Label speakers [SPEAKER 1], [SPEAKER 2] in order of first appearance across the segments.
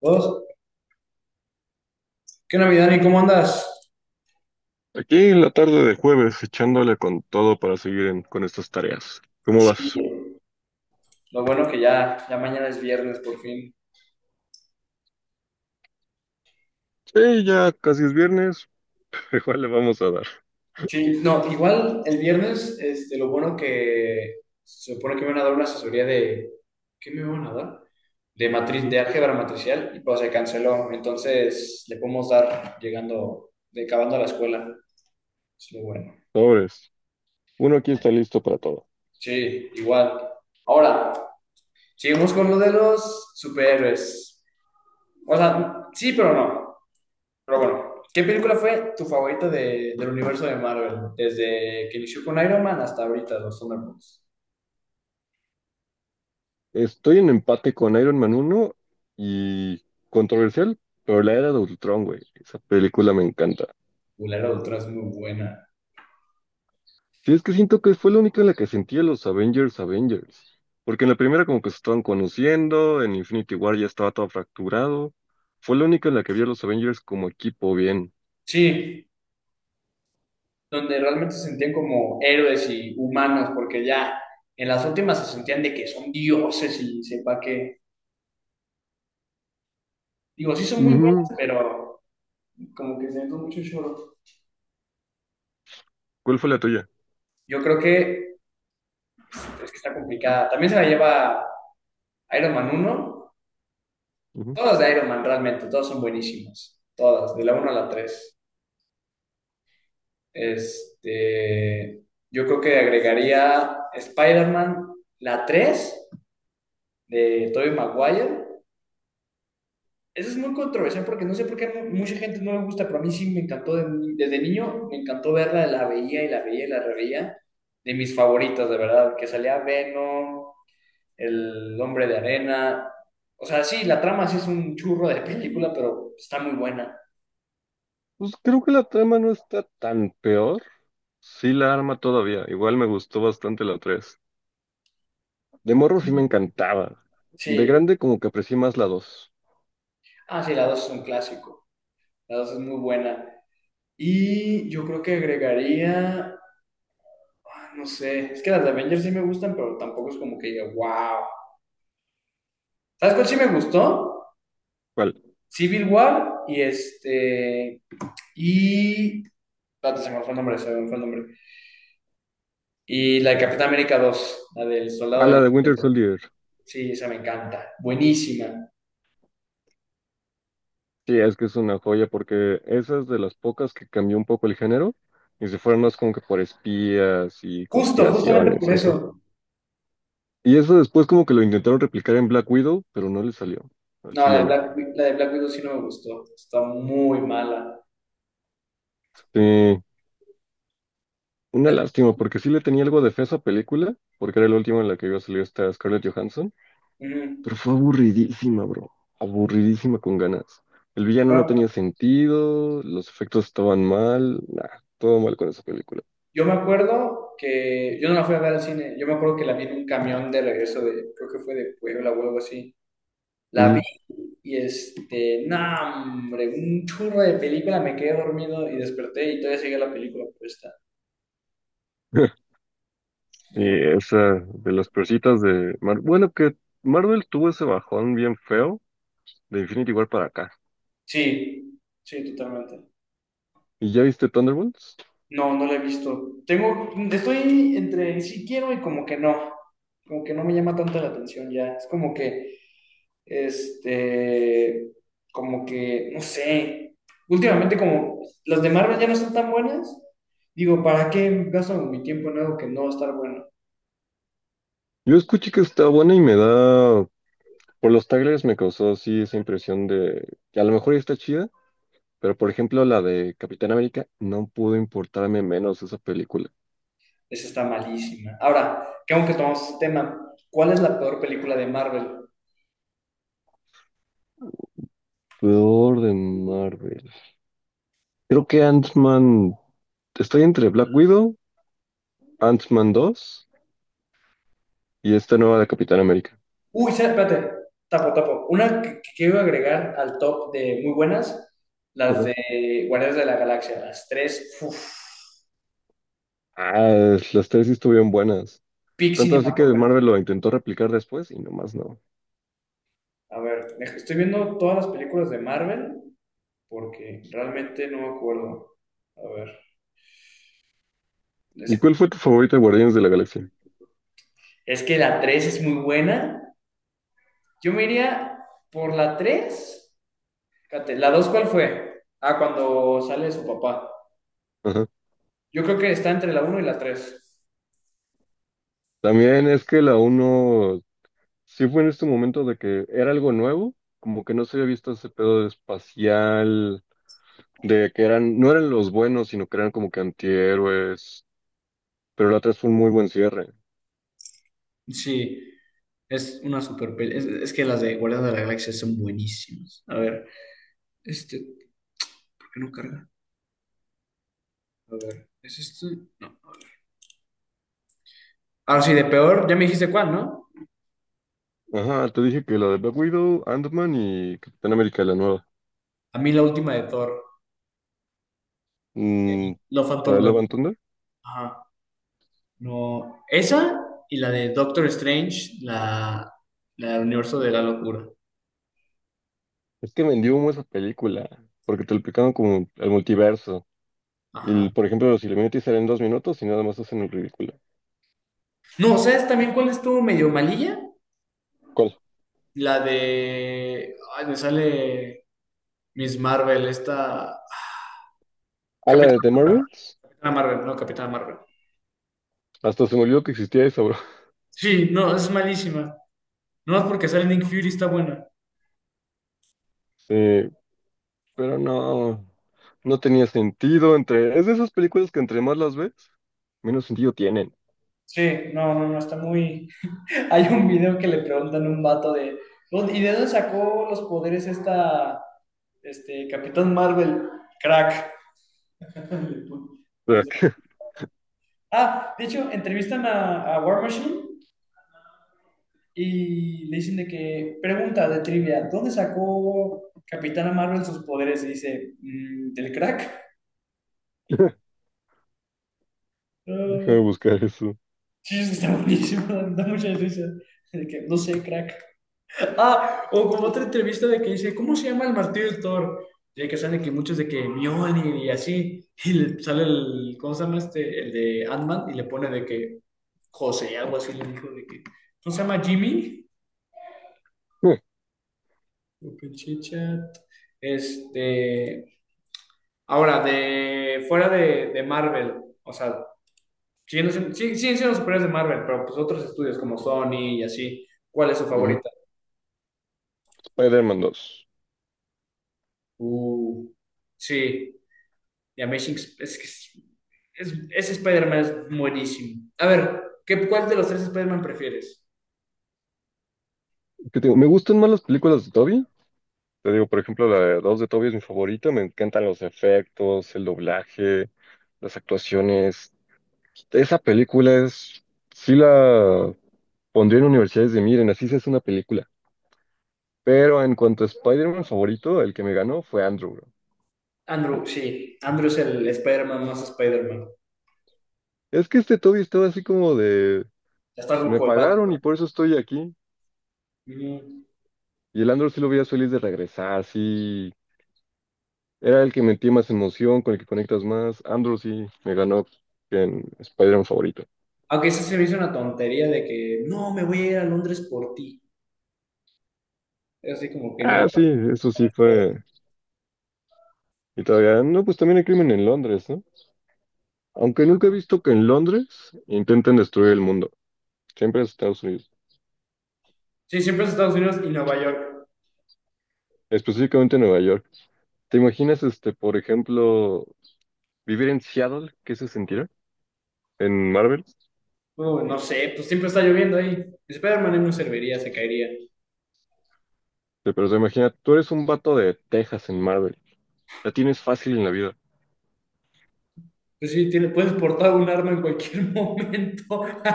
[SPEAKER 1] Dos. ¿Qué onda, mi Dani? ¿Cómo andas?
[SPEAKER 2] Aquí en la tarde de jueves, echándole con todo para seguir con estas tareas.
[SPEAKER 1] Y
[SPEAKER 2] ¿Cómo
[SPEAKER 1] sí,
[SPEAKER 2] vas?
[SPEAKER 1] lo bueno que ya mañana es viernes por fin.
[SPEAKER 2] Sí, ya casi es viernes, pero igual le vamos a dar.
[SPEAKER 1] Sí, no, igual el viernes, este, lo bueno que se supone que me van a dar una asesoría de, ¿qué me van a dar? De matriz,
[SPEAKER 2] Ujú.
[SPEAKER 1] de álgebra matricial, y pues se canceló, entonces le podemos dar llegando, de, acabando la escuela. Es lo bueno.
[SPEAKER 2] Sobres. Uno aquí está listo para todo.
[SPEAKER 1] Sí, igual. Ahora, seguimos con lo de los superhéroes. O sea, sí, pero no. Pero bueno, ¿qué película fue tu favorita del universo de Marvel? Desde que inició con Iron Man hasta ahorita, los Thunderbolts.
[SPEAKER 2] Estoy en empate con Iron Man uno y controversial, pero la era de Ultron, güey. Esa película me encanta.
[SPEAKER 1] Uy, La Era de Ultron es muy buena.
[SPEAKER 2] Sí, es que siento que fue la única en la que sentí a los Avengers Avengers. Porque en la primera como que se estaban conociendo, en Infinity War ya estaba todo fracturado. Fue la única en la que vi a los Avengers como equipo bien.
[SPEAKER 1] Sí, donde realmente se sentían como héroes y humanos, porque ya en las últimas se sentían de que son dioses y sepa que... Digo, sí son muy buenas,
[SPEAKER 2] Ujú.
[SPEAKER 1] pero como que se ven mucho choro.
[SPEAKER 2] ¿Cuál fue la tuya?
[SPEAKER 1] Yo creo que es que está complicada. También se la lleva Iron Man uno.
[SPEAKER 2] Ujú.
[SPEAKER 1] Todas de Iron Man realmente, todas son buenísimas. Todas, de la uno a la tres. Este, yo creo que agregaría Spider-Man, la 3 de Tobey Maguire. Eso es muy controversial porque no sé por qué mucha gente no le gusta, pero a mí sí me encantó de ni- desde niño, me encantó verla, la veía y la veía y la reveía. De mis favoritas, de verdad, que salía Venom, El Hombre de Arena. O sea, sí, la trama sí es un churro de película, pero está muy buena.
[SPEAKER 2] Pues creo que la trama no está tan peor. Sí la arma todavía. Igual me gustó bastante la 3. De morro sí me encantaba. De
[SPEAKER 1] Sí.
[SPEAKER 2] grande como que aprecié más la 2.
[SPEAKER 1] Ah, sí, la 2 es un clásico. La 2 es muy buena. Y yo creo que agregaría, ah, no sé, es que las de Avengers sí me gustan, pero tampoco es como que diga, wow. ¿Sabes cuál sí me gustó?
[SPEAKER 2] ¿Cuál?
[SPEAKER 1] Civil War y y, espérate, se me fue el nombre, se me fue el nombre. Y la de Capitán América dos, la del
[SPEAKER 2] Ah,
[SPEAKER 1] Soldado
[SPEAKER 2] la
[SPEAKER 1] del
[SPEAKER 2] de Winter
[SPEAKER 1] Invierno.
[SPEAKER 2] Soldier.
[SPEAKER 1] Sí, esa me encanta, buenísima.
[SPEAKER 2] Sí, es que es una joya porque esa es de las pocas que cambió un poco el género y se fueron más como que por espías y
[SPEAKER 1] Justo, justamente
[SPEAKER 2] conspiraciones
[SPEAKER 1] por
[SPEAKER 2] y eso.
[SPEAKER 1] eso.
[SPEAKER 2] Y eso después como que lo intentaron replicar en Black Widow, pero no le salió al
[SPEAKER 1] No, la de
[SPEAKER 2] chileno.
[SPEAKER 1] La de Black Widow sí no me gustó, está muy mala.
[SPEAKER 2] Sí. Una
[SPEAKER 1] La-
[SPEAKER 2] lástima, porque sí le tenía algo de fe a esa película, porque era la última en la que iba a salir esta Scarlett Johansson,
[SPEAKER 1] Ujú.
[SPEAKER 2] pero fue aburridísima, bro. Aburridísima con ganas. El villano no tenía sentido, los efectos estaban mal, nah, todo mal con esa película.
[SPEAKER 1] Yo me acuerdo que yo no la fui a ver al cine, yo me acuerdo que la vi en un camión de regreso de, creo que fue de Puebla o algo así. La vi
[SPEAKER 2] Ujú.
[SPEAKER 1] y no, hombre, un churro de película, me quedé dormido y desperté y todavía sigue la película puesta. No.
[SPEAKER 2] Y esa de las persitas de Marvel. Bueno, que Marvel tuvo ese bajón bien feo de Infinity War para acá.
[SPEAKER 1] Sí, sí, totalmente.
[SPEAKER 2] ¿Y ya viste Thunderbolts?
[SPEAKER 1] No, no la he visto. Tengo, estoy entre sí quiero y como que no me llama tanto la atención ya. Es como que Este, como que, no sé, últimamente como las de Marvel ya no son tan buenas, digo, ¿para qué gasto mi tiempo en algo que no va a estar bueno?
[SPEAKER 2] Yo escuché que está buena y me da. Por los trailers me causó así esa impresión de que a lo mejor ya está chida. Pero por ejemplo, la de Capitán América no pudo importarme menos esa película.
[SPEAKER 1] Esa está malísima. Ahora, que aunque tomamos este tema, ¿cuál es la peor película de Marvel?
[SPEAKER 2] Peor de Marvel. Creo que Ant-Man. Estoy entre Black Widow, Ant-Man 2 y esta nueva de Capitán América.
[SPEAKER 1] Uy, espérate, tapo, tapo. Una que quiero agregar al top de muy buenas, las
[SPEAKER 2] Ajá.
[SPEAKER 1] de Guardianes de la Galaxia, las tres, uf,
[SPEAKER 2] Ah, las tres sí estuvieron buenas.
[SPEAKER 1] peak
[SPEAKER 2] Tanto así que
[SPEAKER 1] cinematográfico.
[SPEAKER 2] Marvel lo intentó replicar después y nomás no.
[SPEAKER 1] A ver, estoy viendo todas las películas de Marvel porque realmente no me acuerdo. A ver,
[SPEAKER 2] ¿Y
[SPEAKER 1] es-
[SPEAKER 2] cuál fue tu favorita de Guardianes de la Galaxia?
[SPEAKER 1] Es que la 3 es muy buena. Yo me iría por la tres. Fíjate, ¿la 2 cuál fue? Ah, cuando sale su papá.
[SPEAKER 2] Ajá.
[SPEAKER 1] Yo creo que está entre la uno y la tres.
[SPEAKER 2] También es que la uno sí fue en este momento de que era algo nuevo, como que no se había visto ese pedo espacial de que eran, no eran los buenos, sino que eran como que antihéroes, pero la otra es un muy buen cierre.
[SPEAKER 1] Sí, es una super peli. Es que las de Guardianes de la Galaxia son buenísimas. A ver, este, ¿por qué no carga? A ver, ¿es este? No, a ver. Ahora sí, de peor, ya me dijiste cuál, ¿no?
[SPEAKER 2] Ajá, te dije que la de Black Widow, Ant-Man y Capitán América la nueva.
[SPEAKER 1] A mí la última de Thor,
[SPEAKER 2] Mm,
[SPEAKER 1] el Love and
[SPEAKER 2] la de
[SPEAKER 1] Thunder.
[SPEAKER 2] Love and Thunder.
[SPEAKER 1] Ajá. No, esa y la de Doctor Strange, la del universo de la locura.
[SPEAKER 2] Es que vendió humo esa película, porque te lo explicaban como el multiverso. Y,
[SPEAKER 1] Ajá.
[SPEAKER 2] por ejemplo, los Illuminati salen 2 minutos y nada más hacen el ridículo.
[SPEAKER 1] No, ¿sabes también cuál estuvo medio malilla?
[SPEAKER 2] ¿Cuál?
[SPEAKER 1] La de... Ay, me sale Miss Marvel, esta...
[SPEAKER 2] ¿A la
[SPEAKER 1] Capitana
[SPEAKER 2] de The
[SPEAKER 1] Marvel,
[SPEAKER 2] Marvels?
[SPEAKER 1] Capitana Marvel.
[SPEAKER 2] Hasta se me olvidó que existía eso, bro.
[SPEAKER 1] Sí, no, es malísima. No, es porque sale Nick Fury, está buena.
[SPEAKER 2] Sí, pero no, no tenía sentido entre... Es de esas películas que entre más las ves, menos sentido tienen.
[SPEAKER 1] Sí, no, está muy... Hay un video que le preguntan a un vato de... "¿Dónde- ¿Y de dónde sacó los poderes esta... Capitán Marvel? Crack.
[SPEAKER 2] Crack.
[SPEAKER 1] Ah, de hecho, entrevistan a War Machine y le dicen de que, pregunta de trivia, ¿dónde sacó Capitana Marvel sus poderes? Y dice, "Mm, ¿del crack?
[SPEAKER 2] Deja de
[SPEAKER 1] Ah,
[SPEAKER 2] buscar eso.
[SPEAKER 1] sí, está buenísimo, da mucha risa. De que, no sé, crack. Ah, o como otra entrevista de que dice, ¿cómo se llama el martillo del Thor? Y que salen que muchos de que Mjolnir y así, y le sale el, ¿cómo se llama este? El de Ant-Man y le pone de que José, algo así le dijo de que, ¿cómo se llama Jimmy?
[SPEAKER 2] Eh,
[SPEAKER 1] Open Chit Chat. Este, ahora, de fuera de Marvel, o sea, siguen siendo, sí, siguen siendo superiores de Marvel, pero pues otros estudios como Sony y así, ¿cuál es su
[SPEAKER 2] Mm,
[SPEAKER 1] favorita?
[SPEAKER 2] Spider-Man 2.
[SPEAKER 1] Uh, sí. The Amazing es que es- ese Spider-Man es buenísimo. A ver, ¿cuál de los tres Spider-Man prefieres?
[SPEAKER 2] ¿Qué te digo? Me gustan más las películas de Toby. Te digo, por ejemplo, la de 2 de Toby es mi favorita. Me encantan los efectos, el doblaje, las actuaciones. Esa película es. Sí la pondría en universidades de miren, así se hace una película. Pero en cuanto a Spider-Man favorito, el que me ganó fue Andrew, bro.
[SPEAKER 1] Andrew, sí. Andrew es el Spider-Man más Spider-Man.
[SPEAKER 2] Es que este Toby estaba así como de.
[SPEAKER 1] Ya está
[SPEAKER 2] Pues me
[SPEAKER 1] ruco el vato,
[SPEAKER 2] pagaron
[SPEAKER 1] ¿no?
[SPEAKER 2] y por eso estoy aquí.
[SPEAKER 1] Mm.
[SPEAKER 2] Y el Andrew sí lo veía feliz de regresar, así. Era el que metía más emoción, con el que conectas más. Andrew sí me ganó en Spider-Man favorito.
[SPEAKER 1] Aunque ese se me hizo una tontería de que no, me voy a ir a Londres por ti. Es así como que no.
[SPEAKER 2] Ah, sí, eso sí fue. Y todavía, no, pues también hay crimen en Londres, ¿no? Aunque nunca he visto que en Londres intenten destruir el mundo. Siempre es Estados Unidos,
[SPEAKER 1] Sí, siempre es Estados Unidos y Nueva York.
[SPEAKER 2] específicamente en Nueva York. ¿Te imaginas, este, por ejemplo, vivir en Seattle? ¿Qué se sentirá? En Marvel.
[SPEAKER 1] No sé, pues siempre está lloviendo ahí. Spider-Man no serviría, se caería.
[SPEAKER 2] Sí, pero se imagina, tú eres un vato de Texas en Marvel. La tienes fácil en la vida.
[SPEAKER 1] Pues sí, tiene, puedes portar un arma en cualquier momento.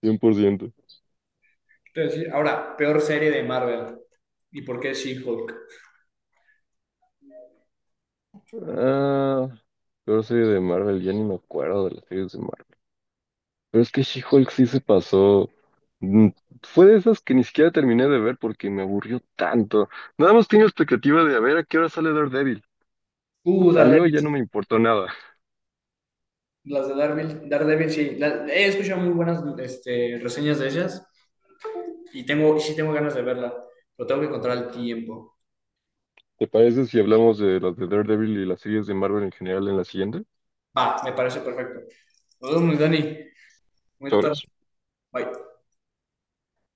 [SPEAKER 2] 100%.
[SPEAKER 1] Te voy a decir, ahora, peor serie de Marvel. ¿Y por qué She-Hulk?
[SPEAKER 2] Ah, peor serie de Marvel, ya ni me acuerdo de las series de Marvel. Pero es que She-Hulk sí se pasó. Mm, Fue de esas que ni siquiera terminé de ver porque me aburrió tanto. Nada más tenía expectativa de a ver a qué hora sale Daredevil. Salió y ya
[SPEAKER 1] Daredevil.
[SPEAKER 2] no me importó nada.
[SPEAKER 1] Las de Daredevil sí. He escuchado muy buenas este, reseñas de ellas y tengo, sí tengo ganas de verla, pero tengo que encontrar el tiempo.
[SPEAKER 2] ¿Te parece si hablamos de las de Daredevil y las series de Marvel en general en la siguiente?
[SPEAKER 1] Va, me parece perfecto. Nos vemos, Dani. Muy tarde.
[SPEAKER 2] Sobres.
[SPEAKER 1] Bye.